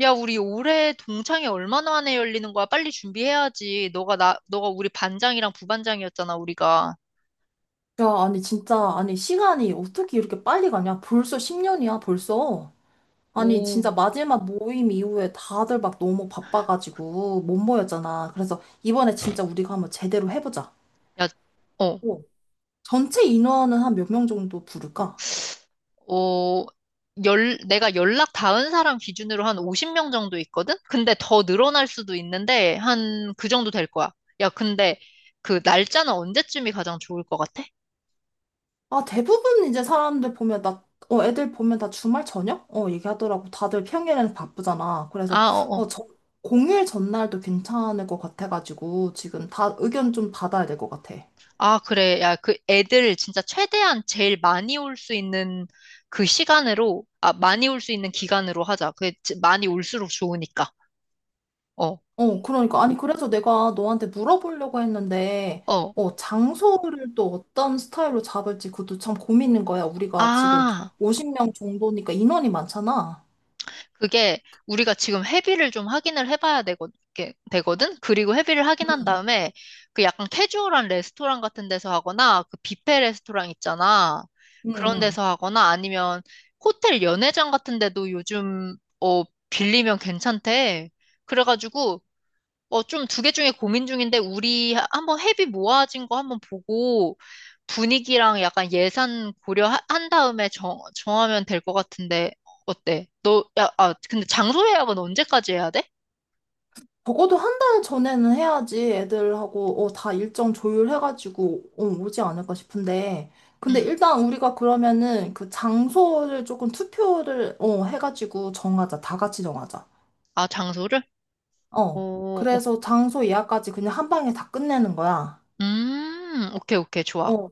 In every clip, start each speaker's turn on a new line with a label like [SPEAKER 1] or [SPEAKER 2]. [SPEAKER 1] 야, 우리 올해 동창회 얼마 만에 열리는 거야? 빨리 준비해야지. 너가 우리 반장이랑 부반장이었잖아, 우리가.
[SPEAKER 2] 야, 아니, 진짜, 아니, 시간이 어떻게 이렇게 빨리 가냐? 벌써 10년이야, 벌써. 아니, 진짜
[SPEAKER 1] 오,
[SPEAKER 2] 마지막 모임 이후에 다들 막 너무 바빠가지고 못 모였잖아. 그래서 이번에 진짜 우리가 한번 제대로 해보자.
[SPEAKER 1] 야, 어,
[SPEAKER 2] 어. 전체 인원은 한 몇 명 정도 부를까?
[SPEAKER 1] 어, 내가 연락 닿은 사람 기준으로 한 50명 정도 있거든? 근데 더 늘어날 수도 있는데, 한 그 정도 될 거야. 야, 근데 그 날짜는 언제쯤이 가장 좋을 것 같아?
[SPEAKER 2] 아, 대부분 이제 사람들 보면 애들 보면 다 주말 저녁? 얘기하더라고. 다들 평일에는 바쁘잖아. 그래서,
[SPEAKER 1] 아, 어, 어.
[SPEAKER 2] 어, 저, 공휴일 전날도 괜찮을 것 같아가지고 지금 다 의견 좀 받아야 될 것 같아.
[SPEAKER 1] 아, 그래. 야, 그 애들 진짜 최대한 제일 많이 올 수 있는 그 시간으로, 아, 많이 올 수 있는 기간으로 하자. 많이 올수록 좋으니까. 어,
[SPEAKER 2] 그러니까. 아니, 그래서 내가 너한테 물어보려고 했는데,
[SPEAKER 1] 어.
[SPEAKER 2] 장소를 또 어떤 스타일로 잡을지 그것도 참 고민인 거야. 우리가 지금
[SPEAKER 1] 아,
[SPEAKER 2] 50명 정도니까 인원이 많잖아.
[SPEAKER 1] 그게 우리가 지금 회비를 좀 확인을 해봐야 되거, 게- 되거든? 그리고 회비를 확인한
[SPEAKER 2] 응,
[SPEAKER 1] 다음에 그 약간 캐주얼한 레스토랑 같은 데서 하거나 그 뷔페 레스토랑 있잖아.
[SPEAKER 2] 응,
[SPEAKER 1] 그런
[SPEAKER 2] 응.
[SPEAKER 1] 데서 하거나 아니면 호텔 연회장 같은 데도 요즘, 어, 빌리면 괜찮대. 그래가지고 어, 좀 두 개 중에 고민 중인데, 한번 회비 모아진 거 한번 보고, 분위기랑 약간 예산 고려한 다음에 정하면 될 것 같은데, 어때? 너, 야, 아, 근데 장소 예약은 언제까지 해야 돼?
[SPEAKER 2] 적어도 한 달 전에는 해야지 애들하고 다 일정 조율해가지고 오지 않을까 싶은데. 근데
[SPEAKER 1] 음,
[SPEAKER 2] 일단 우리가 그러면은 그 장소를 조금 투표를 해가지고 정하자. 다 같이 정하자.
[SPEAKER 1] 아, 장소를?
[SPEAKER 2] 어.
[SPEAKER 1] 오, 오,
[SPEAKER 2] 그래서 장소 예약까지 그냥 한 방에 다 끝내는 거야.
[SPEAKER 1] 오케이, 오케이, 좋아.
[SPEAKER 2] 어,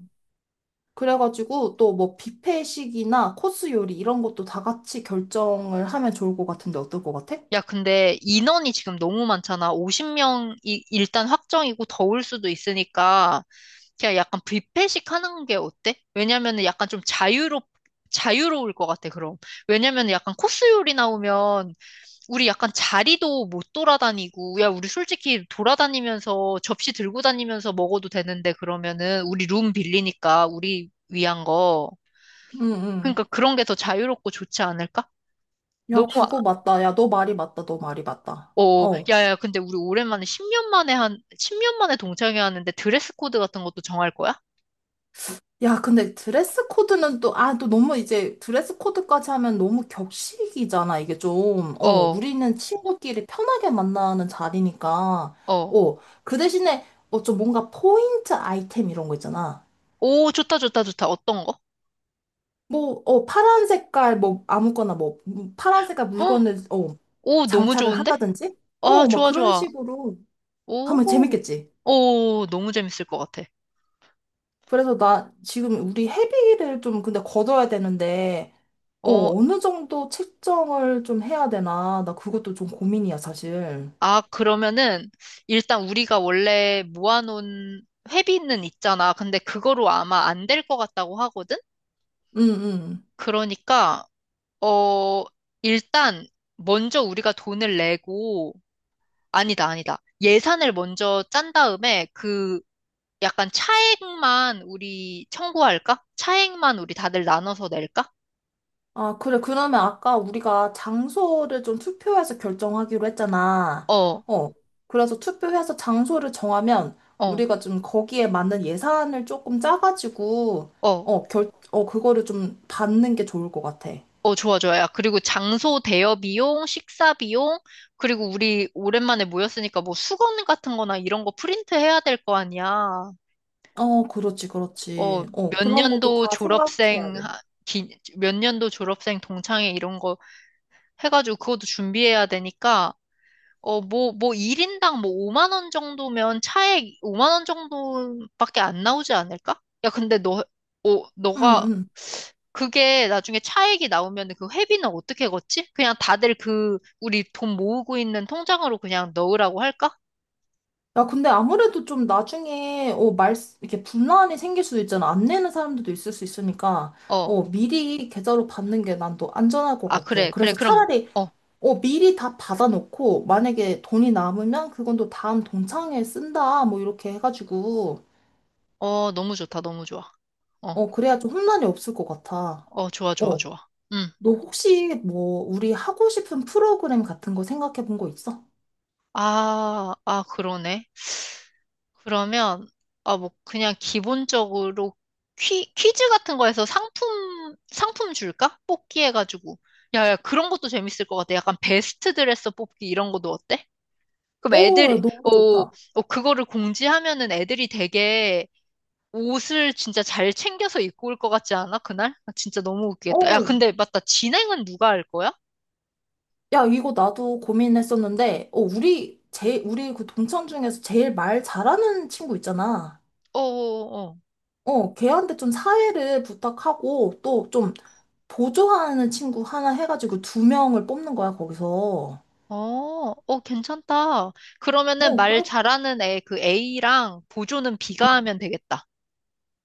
[SPEAKER 2] 그래가지고 또 뭐 뷔페식이나 코스 요리 이런 것도 다 같이 결정을 하면 좋을 것 같은데 어떨 것 같아?
[SPEAKER 1] 야, 근데 인원이 지금 너무 많잖아. 50명이 일단 확정이고 더울 수도 있으니까 그냥 약간 뷔페식 하는 게 어때? 왜냐면은 약간 좀 자유롭 자유로울 것 같아, 그럼. 왜냐면은 약간 코스 요리 나오면 우리 약간 자리도 못 돌아다니고, 야, 우리 솔직히 돌아다니면서 접시 들고 다니면서 먹어도 되는데 그러면은 우리 룸 빌리니까 우리 위한 거.
[SPEAKER 2] 응, 응.
[SPEAKER 1] 그러니까 그런 게 더 자유롭고 좋지 않을까? 너무
[SPEAKER 2] 야, 그거 맞다. 야, 너 말이 맞다. 너 말이 맞다.
[SPEAKER 1] 어,
[SPEAKER 2] 어.
[SPEAKER 1] 야, 야, 근데 우리 오랜만에 10년 만에 동창회 하는데 드레스 코드 같은 것도 정할 거야?
[SPEAKER 2] 야, 근데 드레스 코드는 또, 또 너무 이제 드레스 코드까지 하면 너무 격식이잖아, 이게 좀.
[SPEAKER 1] 어,
[SPEAKER 2] 우리는 친구끼리 편하게 만나는 자리니까.
[SPEAKER 1] 어.
[SPEAKER 2] 어, 그 대신에, 좀 뭔가 포인트 아이템 이런 거 있잖아.
[SPEAKER 1] 오, 좋다, 좋다, 좋다. 어떤 거?
[SPEAKER 2] 뭐, 파란 색깔, 뭐, 아무거나 뭐, 파란 색깔
[SPEAKER 1] 헉,
[SPEAKER 2] 물건을,
[SPEAKER 1] 오, 너무
[SPEAKER 2] 장착을
[SPEAKER 1] 좋은데?
[SPEAKER 2] 한다든지?
[SPEAKER 1] 아,
[SPEAKER 2] 막
[SPEAKER 1] 좋아,
[SPEAKER 2] 그런
[SPEAKER 1] 좋아.
[SPEAKER 2] 식으로 하면
[SPEAKER 1] 오,
[SPEAKER 2] 재밌겠지.
[SPEAKER 1] 오, 너무 재밌을 것 같아.
[SPEAKER 2] 그래서 나 지금 우리 회비를 좀 근데 걷어야 되는데, 어,
[SPEAKER 1] 어,
[SPEAKER 2] 어느 정도 책정을 좀 해야 되나? 나 그것도 좀 고민이야, 사실.
[SPEAKER 1] 아, 그러면은, 일단 우리가 원래 모아놓은 회비는 있잖아. 근데 그거로 아마 안 될 것 같다고 하거든?
[SPEAKER 2] 응, 응.
[SPEAKER 1] 그러니까, 어, 일단, 먼저 우리가 돈을 내고, 아니다, 아니다. 예산을 먼저 짠 다음에 그 약간 차액만 우리 청구할까? 차액만 우리 다들 나눠서 낼까?
[SPEAKER 2] 아, 그래. 그러면 아까 우리가 장소를 좀 투표해서 결정하기로 했잖아.
[SPEAKER 1] 어,
[SPEAKER 2] 어. 그래서 투표해서 장소를 정하면
[SPEAKER 1] 어,
[SPEAKER 2] 우리가 좀 거기에 맞는 예산을 조금 짜가지고,
[SPEAKER 1] 어,
[SPEAKER 2] 그거를 좀 받는 게 좋을 것 같아.
[SPEAKER 1] 어, 좋아, 좋아. 야, 그리고 장소 대여 비용, 식사 비용, 그리고 우리 오랜만에 모였으니까 뭐 수건 같은 거나 이런 거 프린트 해야 될 거 아니야.
[SPEAKER 2] 그렇지,
[SPEAKER 1] 어,
[SPEAKER 2] 그렇지.
[SPEAKER 1] 몇
[SPEAKER 2] 그런 것도
[SPEAKER 1] 년도
[SPEAKER 2] 다 생각해야
[SPEAKER 1] 졸업생,
[SPEAKER 2] 돼.
[SPEAKER 1] 몇 년도 졸업생 동창회 이런 거 해가지고 그것도 준비해야 되니까 어, 뭐, 뭐, 1인당 뭐 5만 원 정도면 차액 5만 원 정도밖에 안 나오지 않을까? 야, 근데 너, 어,
[SPEAKER 2] 응,
[SPEAKER 1] 너가,
[SPEAKER 2] 응.
[SPEAKER 1] 그게 나중에 차액이 나오면 그 회비는 어떻게 걷지? 그냥 다들 그, 우리 돈 모으고 있는 통장으로 그냥 넣으라고 할까?
[SPEAKER 2] 야, 근데 아무래도 좀 나중에, 이렇게 분란이 생길 수도 있잖아. 안 내는 사람들도 있을 수 있으니까,
[SPEAKER 1] 어,
[SPEAKER 2] 미리 계좌로 받는 게 난 또 안전할 것
[SPEAKER 1] 아,
[SPEAKER 2] 같아.
[SPEAKER 1] 그래, 그래,
[SPEAKER 2] 그래서
[SPEAKER 1] 그럼,
[SPEAKER 2] 차라리,
[SPEAKER 1] 어,
[SPEAKER 2] 미리 다 받아놓고, 만약에 돈이 남으면 그건 또 다음 동창회에 쓴다, 뭐, 이렇게 해가지고,
[SPEAKER 1] 어, 너무 좋다, 너무 좋아. 어,
[SPEAKER 2] 그래야 좀 혼란이 없을 것 같아.
[SPEAKER 1] 어, 좋아, 좋아,
[SPEAKER 2] 어,
[SPEAKER 1] 좋아. 음.
[SPEAKER 2] 너 혹시 뭐, 우리 하고 싶은 프로그램 같은 거 생각해 본 거 있어?
[SPEAKER 1] 아, 아, 그러네. 그러면, 아, 뭐, 그냥 기본적으로 퀴즈 같은 거에서 상품, 상품 줄까? 뽑기 해가지고. 야, 야, 그런 것도 재밌을 것 같아. 약간 베스트 드레서 뽑기 이런 것도 어때? 그럼
[SPEAKER 2] 오, 야,
[SPEAKER 1] 애들이,
[SPEAKER 2] 너무
[SPEAKER 1] 오,
[SPEAKER 2] 좋다.
[SPEAKER 1] 오, 그거를 공지하면은 애들이 되게 옷을 진짜 잘 챙겨서 입고 올 것 같지 않아? 그날? 아, 진짜 너무 웃기겠다. 야,
[SPEAKER 2] 오,
[SPEAKER 1] 근데 맞다. 진행은 누가 할 거야?
[SPEAKER 2] 야, 이거 나도 고민했었는데, 우리 그 동창 중에서 제일 말 잘하는 친구 있잖아.
[SPEAKER 1] 어, 어, 어.
[SPEAKER 2] 걔한테 좀 사회를 부탁하고, 또 좀 보조하는 친구 하나 해가지고 두 명을 뽑는 거야, 거기서.
[SPEAKER 1] 어, 어, 괜찮다. 그러면은 말
[SPEAKER 2] 그래?
[SPEAKER 1] 잘하는 애, 그 A랑 보조는
[SPEAKER 2] 응.
[SPEAKER 1] B가 하면 되겠다.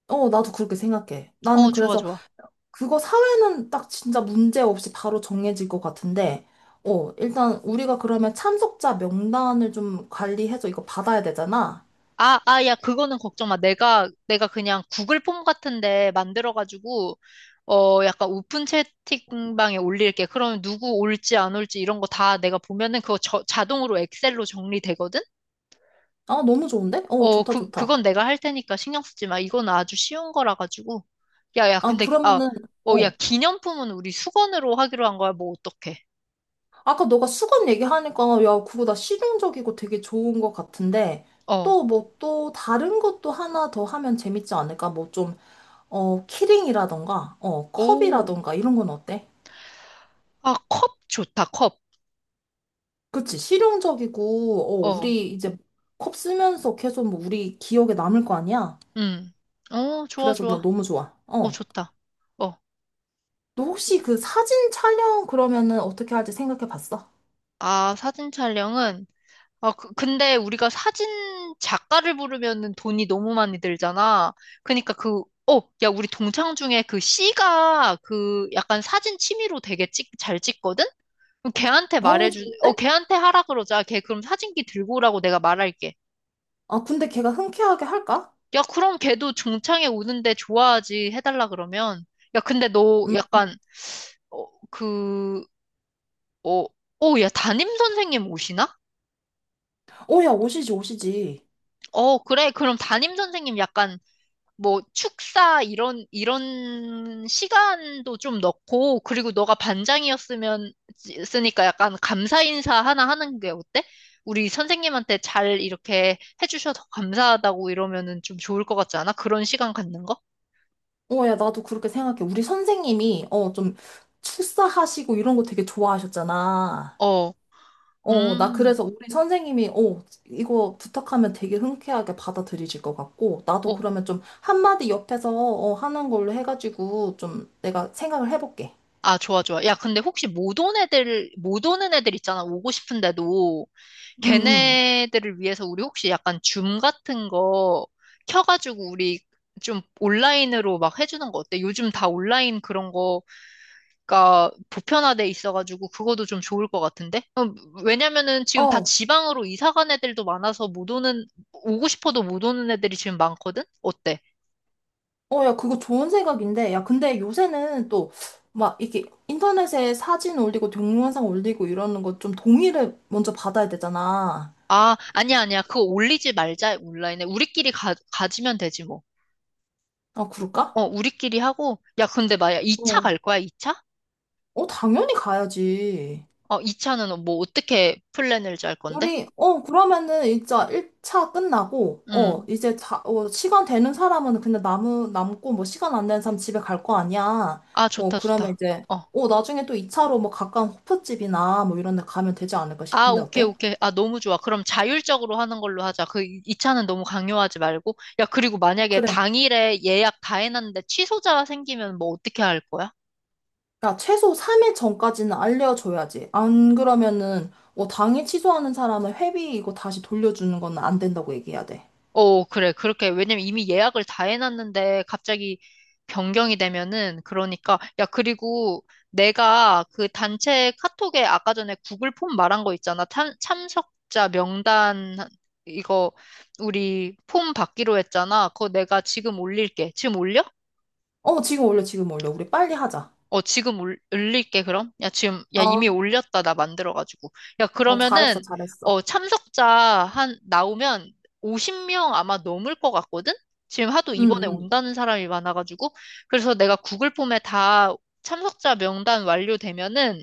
[SPEAKER 2] 나도 그렇게 생각해.
[SPEAKER 1] 어,
[SPEAKER 2] 나는
[SPEAKER 1] 좋아,
[SPEAKER 2] 그래서
[SPEAKER 1] 좋아.
[SPEAKER 2] 그거 사회는 딱 진짜 문제 없이 바로 정해질 것 같은데, 일단 우리가 그러면 참석자 명단을 좀 관리해서 이거 받아야 되잖아.
[SPEAKER 1] 아, 아, 야, 그거는 걱정 마. 내가 그냥 구글 폼 같은데 만들어가지고, 어, 약간 오픈 채팅방에 올릴게. 그러면 누구 올지 안 올지 이런 거 다 내가 보면은 자동으로 엑셀로 정리되거든?
[SPEAKER 2] 아, 너무 좋은데?
[SPEAKER 1] 어,
[SPEAKER 2] 좋다,
[SPEAKER 1] 그,
[SPEAKER 2] 좋다.
[SPEAKER 1] 그건 내가 할 테니까 신경 쓰지 마. 이건 아주 쉬운 거라 가지고. 야, 야,
[SPEAKER 2] 아,
[SPEAKER 1] 근데, 아,
[SPEAKER 2] 그러면은,
[SPEAKER 1] 어, 야,
[SPEAKER 2] 어,
[SPEAKER 1] 기념품은 우리 수건으로 하기로 한 거야. 뭐, 어떡해.
[SPEAKER 2] 아까 너가 수건 얘기하니까, 야, 그거 나 실용적이고 되게 좋은 것 같은데,
[SPEAKER 1] 어,
[SPEAKER 2] 또 뭐, 또 다른 것도 하나 더 하면 재밌지 않을까? 뭐 좀, 키링이라던가,
[SPEAKER 1] 오,
[SPEAKER 2] 컵이라던가, 이런 건 어때?
[SPEAKER 1] 아, 컵 좋다, 컵.
[SPEAKER 2] 그치, 실용적이고,
[SPEAKER 1] 어,
[SPEAKER 2] 우리 이제 컵 쓰면서 계속 뭐 우리 기억에 남을 거 아니야?
[SPEAKER 1] 음, 어, 좋아,
[SPEAKER 2] 그래서 나
[SPEAKER 1] 좋아.
[SPEAKER 2] 너무 좋아.
[SPEAKER 1] 어,
[SPEAKER 2] 어.
[SPEAKER 1] 좋다. 어,
[SPEAKER 2] 너 혹시 그 사진 촬영 그러면은 어떻게 할지 생각해 봤어?
[SPEAKER 1] 아, 사진 촬영은, 아, 그, 근데 우리가 사진 작가를 부르면은 돈이 너무 많이 들잖아. 그니까 그, 어, 야, 우리 동창 중에 그 C가 그 약간 사진 취미로 되게 찍, 잘 찍거든? 그럼 걔한테 말해주,
[SPEAKER 2] 좋은데?
[SPEAKER 1] 어, 걔한테 하라 그러자. 걔 그럼 사진기 들고 오라고 내가 말할게.
[SPEAKER 2] 아, 근데 걔가 흔쾌하게 할까?
[SPEAKER 1] 야, 그럼 걔도 중창에 오는데 좋아하지 해달라 그러면. 야, 근데 너
[SPEAKER 2] 음,
[SPEAKER 1] 약간, 어, 그, 어, 어, 야, 담임 선생님 오시나?
[SPEAKER 2] 야, 오시지, 오시지.
[SPEAKER 1] 어, 그래. 그럼 담임 선생님 약간 뭐 축사 이런, 이런 시간도 좀 넣고, 그리고 너가 반장이었으면, 쓰니까 약간 감사 인사 하나 하는 게 어때? 우리 선생님한테 잘 이렇게 해주셔서 감사하다고 이러면은 좀 좋을 것 같지 않아? 그런 시간 갖는 거?
[SPEAKER 2] 야, 나도 그렇게 생각해. 우리 선생님이, 좀, 축사하시고 이런 거 되게 좋아하셨잖아.
[SPEAKER 1] 어,
[SPEAKER 2] 나
[SPEAKER 1] 음,
[SPEAKER 2] 그래서 우리 선생님이, 이거 부탁하면 되게 흔쾌하게 받아들이실 것 같고, 나도
[SPEAKER 1] 어.
[SPEAKER 2] 그러면 좀 한마디 옆에서, 하는 걸로 해가지고, 좀 내가 생각을 해볼게.
[SPEAKER 1] 아, 좋아, 좋아. 야, 근데 혹시 못 온 애들, 못 오는 애들 있잖아. 오고 싶은데도
[SPEAKER 2] 응, 응.
[SPEAKER 1] 걔네들을 위해서 우리 혹시 약간 줌 같은 거 켜가지고 우리 좀 온라인으로 막 해주는 거 어때? 요즘 다 온라인 그런 거가 보편화돼 있어가지고 그것도 좀 좋을 것 같은데? 왜냐면은 지금 다
[SPEAKER 2] 어,
[SPEAKER 1] 지방으로 이사 간 애들도 많아서 못 오는, 오고 싶어도 못 오는 애들이 지금 많거든? 어때?
[SPEAKER 2] 어, 야, 그거 좋은 생각인데, 야, 근데 요새는 또, 막, 이렇게 인터넷에 사진 올리고, 동영상 올리고 이러는 거 좀 동의를 먼저 받아야 되잖아.
[SPEAKER 1] 아, 아니야, 아니야. 그거 올리지 말자, 온라인에. 우리끼리 가지면 되지, 뭐.
[SPEAKER 2] 아, 그럴까?
[SPEAKER 1] 어, 우리끼리 하고, 야, 근데 마야, 2차
[SPEAKER 2] 어.
[SPEAKER 1] 갈 거야, 2차?
[SPEAKER 2] 어, 당연히 가야지.
[SPEAKER 1] 어, 2차는 뭐, 어떻게 플랜을 짤 건데?
[SPEAKER 2] 그러면은 이제 1차 끝나고,
[SPEAKER 1] 응.
[SPEAKER 2] 이제 자, 시간 되는 사람은 그냥 남고, 뭐, 시간 안 되는 사람 집에 갈 거 아니야.
[SPEAKER 1] 아, 좋다,
[SPEAKER 2] 그러면
[SPEAKER 1] 좋다.
[SPEAKER 2] 이제,
[SPEAKER 1] 어.
[SPEAKER 2] 나중에 또 2차로 뭐, 가까운 호프집이나 뭐, 이런 데 가면 되지 않을까
[SPEAKER 1] 아,
[SPEAKER 2] 싶은데,
[SPEAKER 1] 오케이,
[SPEAKER 2] 어때?
[SPEAKER 1] 오케이. 아, 너무 좋아. 그럼 자율적으로 하는 걸로 하자. 그 2차는 너무 강요하지 말고. 야, 그리고 만약에
[SPEAKER 2] 그래.
[SPEAKER 1] 당일에 예약 다 해놨는데 취소자 생기면 뭐, 어떻게 할 거야?
[SPEAKER 2] 야, 최소 3일 전까지는 알려줘야지. 안 그러면은, 당일 취소하는 사람은 회비 이거 다시 돌려주는 건 안 된다고 얘기해야 돼.
[SPEAKER 1] 어, 그래. 그렇게, 왜냐면 이미 예약을 다 해놨는데 갑자기 변경이 되면은, 그러니까, 야, 그리고 내가 그 단체 카톡에 아까 전에 구글 폼 말한 거 있잖아. 참석자 명단, 이거, 우리 폼 받기로 했잖아. 그거 내가 지금 올릴게. 지금 올려?
[SPEAKER 2] 지금 올려, 지금 올려. 우리 빨리 하자.
[SPEAKER 1] 어, 그럼? 야, 지금, 야,
[SPEAKER 2] 어
[SPEAKER 1] 이미 올렸다, 나 만들어가지고. 야,
[SPEAKER 2] 어, 잘했어,
[SPEAKER 1] 그러면은,
[SPEAKER 2] 잘했어.
[SPEAKER 1] 어, 참석자 한, 나오면 50명 아마 넘을 것 같거든? 지금 하도
[SPEAKER 2] 응,
[SPEAKER 1] 이번에
[SPEAKER 2] 응.
[SPEAKER 1] 온다는 사람이 많아가지고. 그래서 내가 구글 폼에 다 참석자 명단 완료되면은,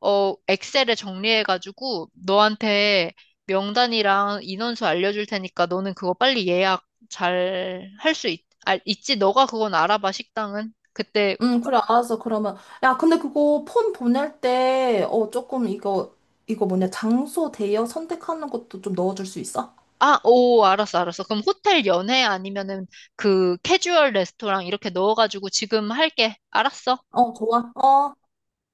[SPEAKER 1] 어, 엑셀에 정리해가지고, 너한테 명단이랑 인원수 알려줄 테니까 너는 그거 빨리 예약 잘 할 수 있, 아, 있지? 너가 그건 알아봐, 식당은. 그때
[SPEAKER 2] 응, 그래, 알았어. 그러면. 야, 근데 그거 폰 보낼 때, 조금 이거, 뭐냐, 장소 대여 선택하는 것도 좀 넣어줄 수 있어?
[SPEAKER 1] 아, 오, 알았어, 알았어. 그럼 호텔 연회 아니면은 그 캐주얼 레스토랑 이렇게 넣어가지고 지금 할게. 알았어.
[SPEAKER 2] 좋아. 어.